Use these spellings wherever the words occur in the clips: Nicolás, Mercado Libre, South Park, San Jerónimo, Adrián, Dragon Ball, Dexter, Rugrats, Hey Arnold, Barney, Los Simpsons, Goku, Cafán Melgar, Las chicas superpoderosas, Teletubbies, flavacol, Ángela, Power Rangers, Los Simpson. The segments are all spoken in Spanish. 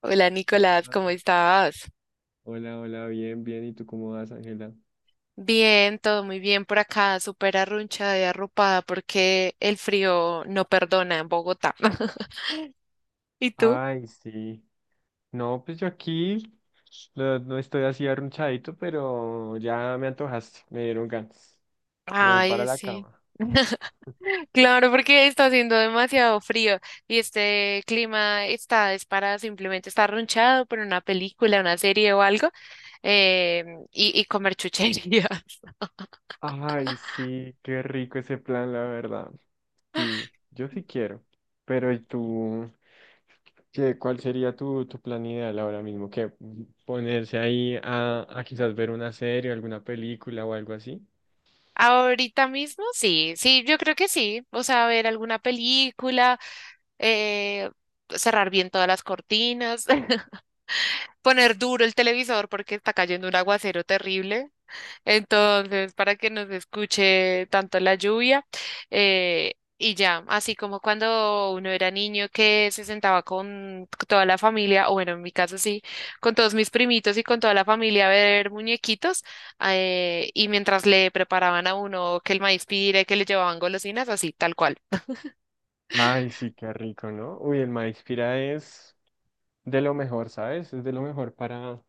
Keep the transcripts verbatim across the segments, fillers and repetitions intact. Hola Nicolás, Hola, ¿cómo estás? hola, hola, bien, bien. ¿Y tú cómo vas, Ángela? Bien, todo muy bien por acá, súper arrunchada y arropada porque el frío no perdona en Bogotá. ¿Y tú? Ay, sí. No, pues yo aquí no, no estoy así arrunchadito, pero ya me antojaste, me dieron ganas. Me voy para Ay, la sí. cama. Claro, porque está haciendo demasiado frío y este clima está, es para simplemente estar arrunchado por una película, una serie o algo eh, y, y comer chucherías. Ay, sí, qué rico ese plan, la verdad. Sí, yo sí quiero. Pero ¿y tú? ¿Qué, cuál sería tu, tu plan ideal ahora mismo? ¿Qué ponerse ahí a, a quizás ver una serie, alguna película o algo así? Ahorita mismo sí, sí, yo creo que sí. O sea, ver alguna película eh, cerrar bien todas las cortinas, poner duro el televisor porque está cayendo un aguacero terrible. Entonces, para que no se escuche tanto la lluvia. eh, y ya, así como cuando uno era niño que se sentaba con toda la familia, o bueno, en mi caso sí, con todos mis primitos y con toda la familia a ver muñequitos, eh, y mientras le preparaban a uno que el maíz pire, que le llevaban golosinas, así, tal cual. Ay, sí, qué rico, ¿no? Uy, el maíz pira es de lo mejor, ¿sabes? Es de lo mejor para,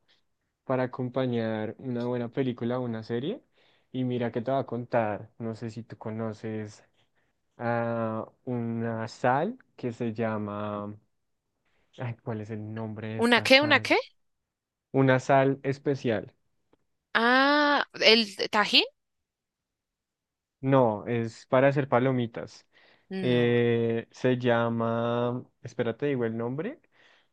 para acompañar una buena película o una serie. Y mira que te va a contar, no sé si tú conoces a una sal que se llama, ay, ¿cuál es el nombre de ¿Una esta qué? ¿Una sal? qué? Una sal especial. Ah, el tajín. No, es para hacer palomitas. No. Eh, se llama, espérate, digo el nombre,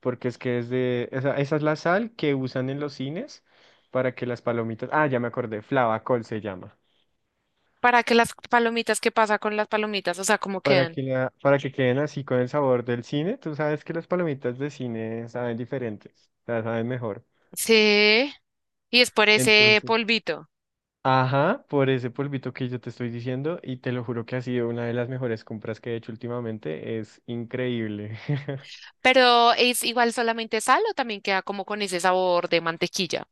porque es que es de, esa, esa es la sal que usan en los cines para que las palomitas, ah, ya me acordé, flavacol se llama, ¿Para que las palomitas? ¿Qué pasa con las palomitas? O sea, ¿cómo para quedan? que, la, para que queden así con el sabor del cine. Tú sabes que las palomitas de cine saben diferentes, o sea, saben mejor. Sí. Y es por ese Entonces, polvito. ajá, por ese polvito que yo te estoy diciendo, y te lo juro que ha sido una de las mejores compras que he hecho últimamente, es increíble. Pero es igual solamente sal o también queda como con ese sabor de mantequilla,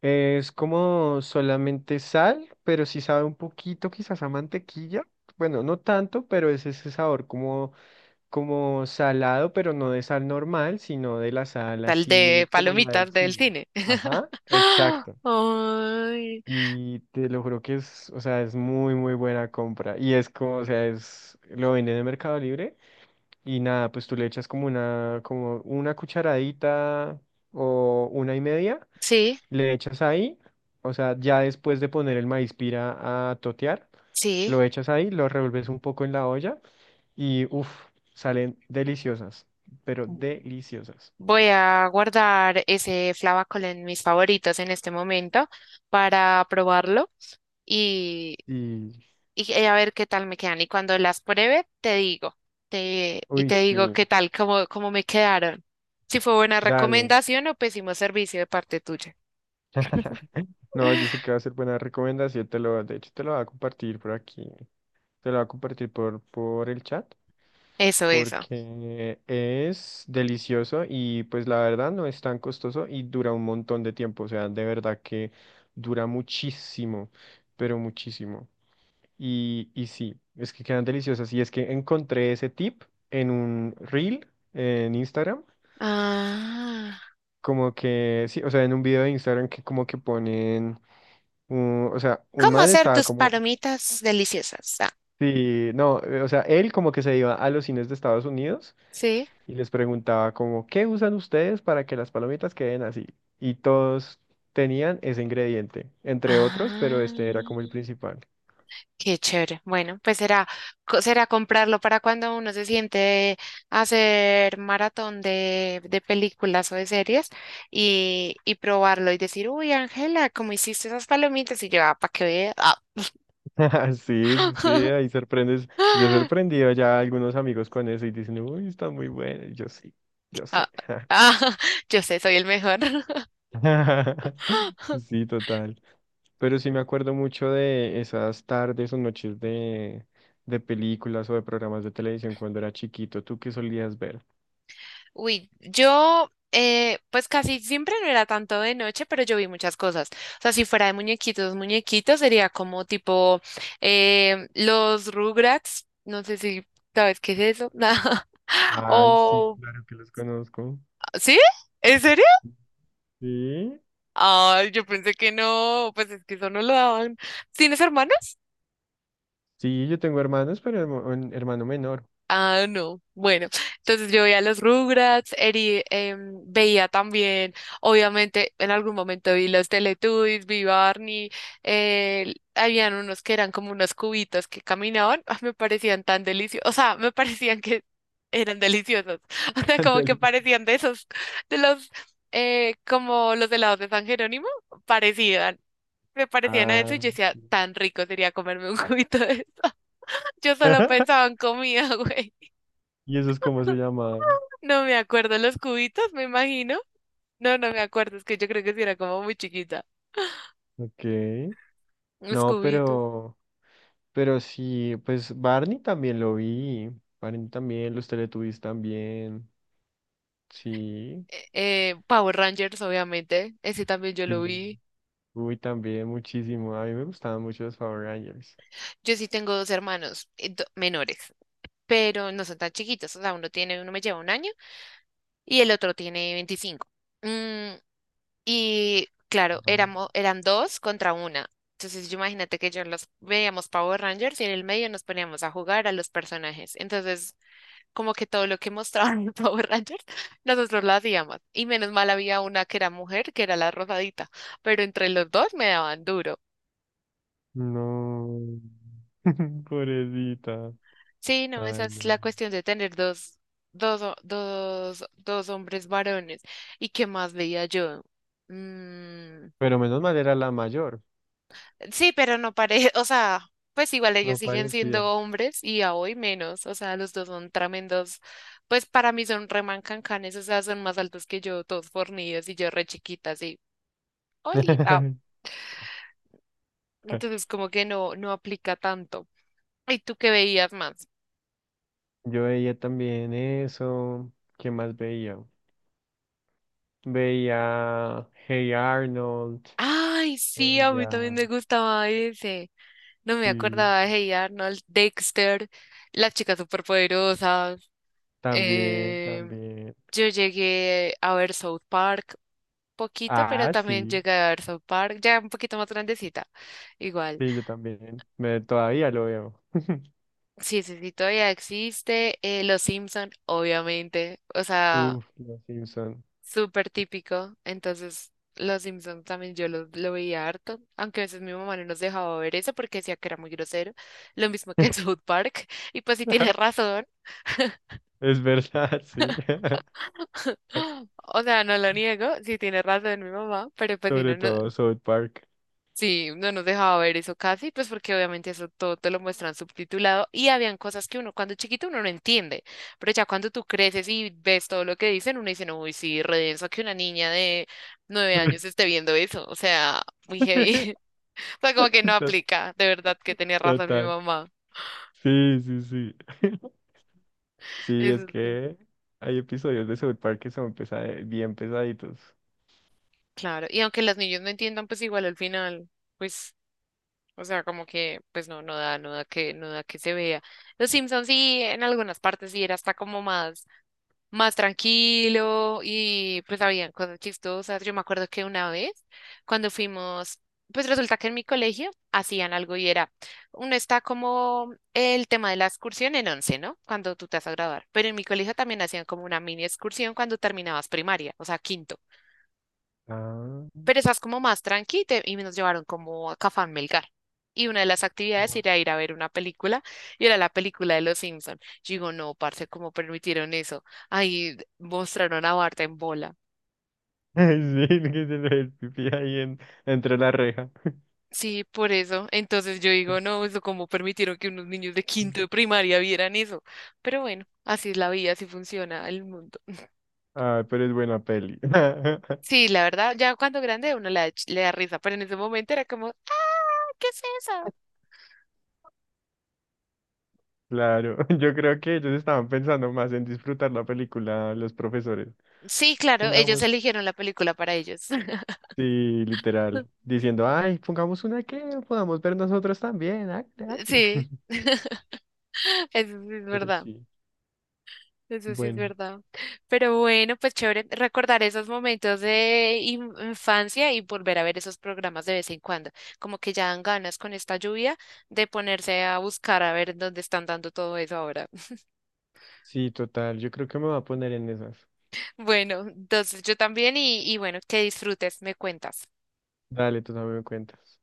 Es como solamente sal, pero sí sabe un poquito quizás a mantequilla. Bueno, no tanto, pero es ese sabor como, como salado, pero no de sal normal, sino de la sal tal de así como la del palomitas del cine. cine. Ajá, exacto. ¡Ah! Ay. Y te lo juro que es, o sea, es muy, muy buena compra. Y es como, o sea, es, lo venden de Mercado Libre y nada, pues tú le echas como una, como una cucharadita o una y media Sí, le echas ahí, o sea, ya después de poner el maíz pira a totear, sí. lo echas ahí, lo revuelves un poco en la olla y uff, salen deliciosas, pero deliciosas. Voy a guardar ese flavacol en mis favoritos en este momento para probarlo y. Y, y eh, a ver qué tal me quedan. Y cuando las pruebe, te digo, te, y uy, te digo sí, qué tal, cómo, cómo me quedaron. Si fue buena dale. recomendación o pésimo servicio de parte tuya. No, yo sé que va a ser buena recomendación, te lo, de hecho te lo voy a compartir por aquí, te lo voy a compartir por, por el chat Eso, eso. porque es delicioso y pues la verdad no es tan costoso y dura un montón de tiempo, o sea, de verdad que dura muchísimo, pero muchísimo. Y, y sí, es que quedan deliciosas y es que encontré ese tip en un reel en Instagram, Ah, como que, sí, o sea, en un video de Instagram que como que ponen, un- o sea, un ¿cómo man hacer estaba tus como... palomitas deliciosas? Ah, Sí, no, eh, o sea, él como que se iba a los cines de Estados Unidos sí. y les preguntaba como, ¿qué usan ustedes para que las palomitas queden así? Y todos tenían ese ingrediente, entre otros, pero Ah. este era como el principal. Qué chévere. Bueno, pues será, co- será comprarlo para cuando uno se siente a hacer maratón de, de películas o de series y, y probarlo y decir, uy, Ángela, ¿cómo hiciste esas palomitas? Y yo, ah, para que vea. Ah. Sí, sí, sí, ahí sorprendes. Yo he sorprendido ya a algunos amigos con eso y dicen, uy, está muy bueno. Y yo sí, yo Ah, sé. ah, yo sé, soy el mejor. Sí, total. Pero sí me acuerdo mucho de esas tardes o noches de, de películas o de programas de televisión cuando era chiquito. ¿Tú qué solías ver? Uy, yo eh, pues casi siempre no era tanto de noche, pero yo vi muchas cosas. O sea, si fuera de muñequitos, muñequitos sería como tipo eh, los Rugrats, no sé si sabes qué es eso. Ay, sí, O, claro que los conozco. ¿sí? ¿En serio? Sí, Ay, yo pensé que no, pues es que eso no lo daban. ¿Tienes hermanos? sí, yo tengo hermanos, pero hermo- un hermano menor. Ah, no. Bueno, entonces yo veía los Rugrats, eri- em, veía también, obviamente, en algún momento vi los Teletubbies, vi Barney, eh, habían unos que eran como unos cubitos que caminaban, ah, me parecían tan deliciosos, o sea, me parecían que eran deliciosos, o sea, como que Ándale. parecían de esos, de los, eh, como los helados de San Jerónimo, parecían, me parecían a eso Ah, y yo decía, sí. tan rico sería comerme un cubito de eso. Yo solo pensaba en comida, güey. ¿Y esos cómo se llaman? No me acuerdo, los cubitos, me imagino. No, no me acuerdo, es que yo creo que sí era como muy chiquita. Ok. Los No, cubitos. pero, pero sí, pues Barney también lo vi. Barney también, los Teletubbies también. Sí, Eh, eh, Power Rangers, obviamente, ese también yo lo sí. vi. Uy, también muchísimo. A mí me gustaban mucho los Power Rangers. Yo sí tengo dos hermanos eh, do- menores, pero no son tan chiquitos, o sea, uno tiene, uno me lleva un año y el otro tiene veinticinco. Mm, y claro, Ajá. éramos, eran dos contra una. Entonces, yo imagínate que yo los veíamos Power Rangers y en el medio nos poníamos a jugar a los personajes. Entonces, como que todo lo que mostraban en Power Rangers, nosotros lo hacíamos. Y menos mal había una que era mujer, que era la rosadita, pero entre los dos me daban duro. No. Pobrecita. Sí, no, esa Ay, es no. la cuestión de tener dos, dos, ho- dos, dos hombres varones. ¿Y qué más veía yo? Mm, Pero menos mal era la mayor. sí, pero no parece, o sea, pues igual No ellos siguen parecía. siendo hombres y a hoy menos, o sea, los dos son tremendos. Pues para mí son remancancanes, o sea, son más altos que yo, todos fornidos y yo re chiquita, así. Oli, entonces, como que no, no aplica tanto. ¿Y tú qué veías más? Yo veía también eso. ¿Qué más veía? Veía Hey Arnold. Ay, sí, a mí también Veía. me gustaba ese. No me Sí, acordaba de Hey Arnold, Dexter, Las chicas superpoderosas. también, Eh, también. yo llegué a ver South Park poquito, pero Ah, también sí. llegué a ver South Park, ya un poquito más grandecita. Igual. Sí, yo también. Me, todavía lo veo. Sí, sí, sí, todavía existe. eh, Los Simpson, obviamente. O sea, Uf, Los Simpson. súper típico. Entonces, Los Simpsons también yo lo, lo veía harto, aunque a veces mi mamá no nos dejaba ver eso porque decía que era muy grosero, lo mismo que en South Park. Y pues si tiene razón, Es verdad, sí. o sea, no lo niego, si tiene razón mi mamá, pero pues si Sobre no, no, todo South Park. sí, no nos dejaba ver eso casi, pues porque obviamente eso todo te lo muestran subtitulado y habían cosas que uno cuando chiquito uno no entiende, pero ya cuando tú creces y ves todo lo que dicen, uno dice, no, uy, sí, redenso que una niña de nueve años esté viendo eso, o sea, muy heavy. O sea, como que no To- aplica, de verdad que tenía razón mi Total. mamá, Sí, sí, sí. Sí, es eso sí, que hay episodios de South Park que son pesa- bien pesaditos. claro, y aunque los niños no entiendan, pues igual al final, pues, o sea, como que, pues no, no da, no da que, no da que se vea. Los Simpsons sí, en algunas partes sí era hasta como más más tranquilo y pues habían cosas chistosas. Yo me acuerdo que una vez cuando fuimos, pues resulta que en mi colegio hacían algo y era, uno está como el tema de la excursión en once, ¿no? Cuando tú te vas a graduar, pero en mi colegio también hacían como una mini excursión cuando terminabas primaria, o sea, quinto, Ah, pero esas como más tranqui, te- y nos llevaron como a Cafán Melgar. Y una de las actividades guau. era ir a ver una película y era la película de Los Simpson. Yo digo, no, parce, ¿cómo permitieron eso? Ahí mostraron a Bart en bola. Sí, que se le ve el pipí ahí en- entre la reja. Sí, por eso. Entonces yo digo, no, eso cómo permitieron que unos niños de quinto de primaria vieran eso. Pero bueno, así es la vida, así funciona el mundo. Ah, pero es buena peli. Sí, la verdad, ya cuando grande uno le da, ch- le da risa, pero en ese momento era como, ah, ¿qué es eso? Claro, yo creo que ellos estaban pensando más en disfrutar la película, los profesores. Sí, claro, ellos Pongamos, eligieron la película para ellos. sí, literal, diciendo, ay, pongamos una que podamos ver nosotros también, hágale, hágale". Sí, eso sí es Pero verdad, sí, eso sí es bueno, verdad. Pero bueno, pues chévere recordar esos momentos de in- infancia y volver a ver esos programas de vez en cuando. Como que ya dan ganas con esta lluvia de ponerse a buscar a ver dónde están dando todo eso ahora. sí, total, yo creo que me voy a poner en esas. Bueno, entonces yo también y, y bueno, que disfrutes, me cuentas. Dale, tú también me cuentas.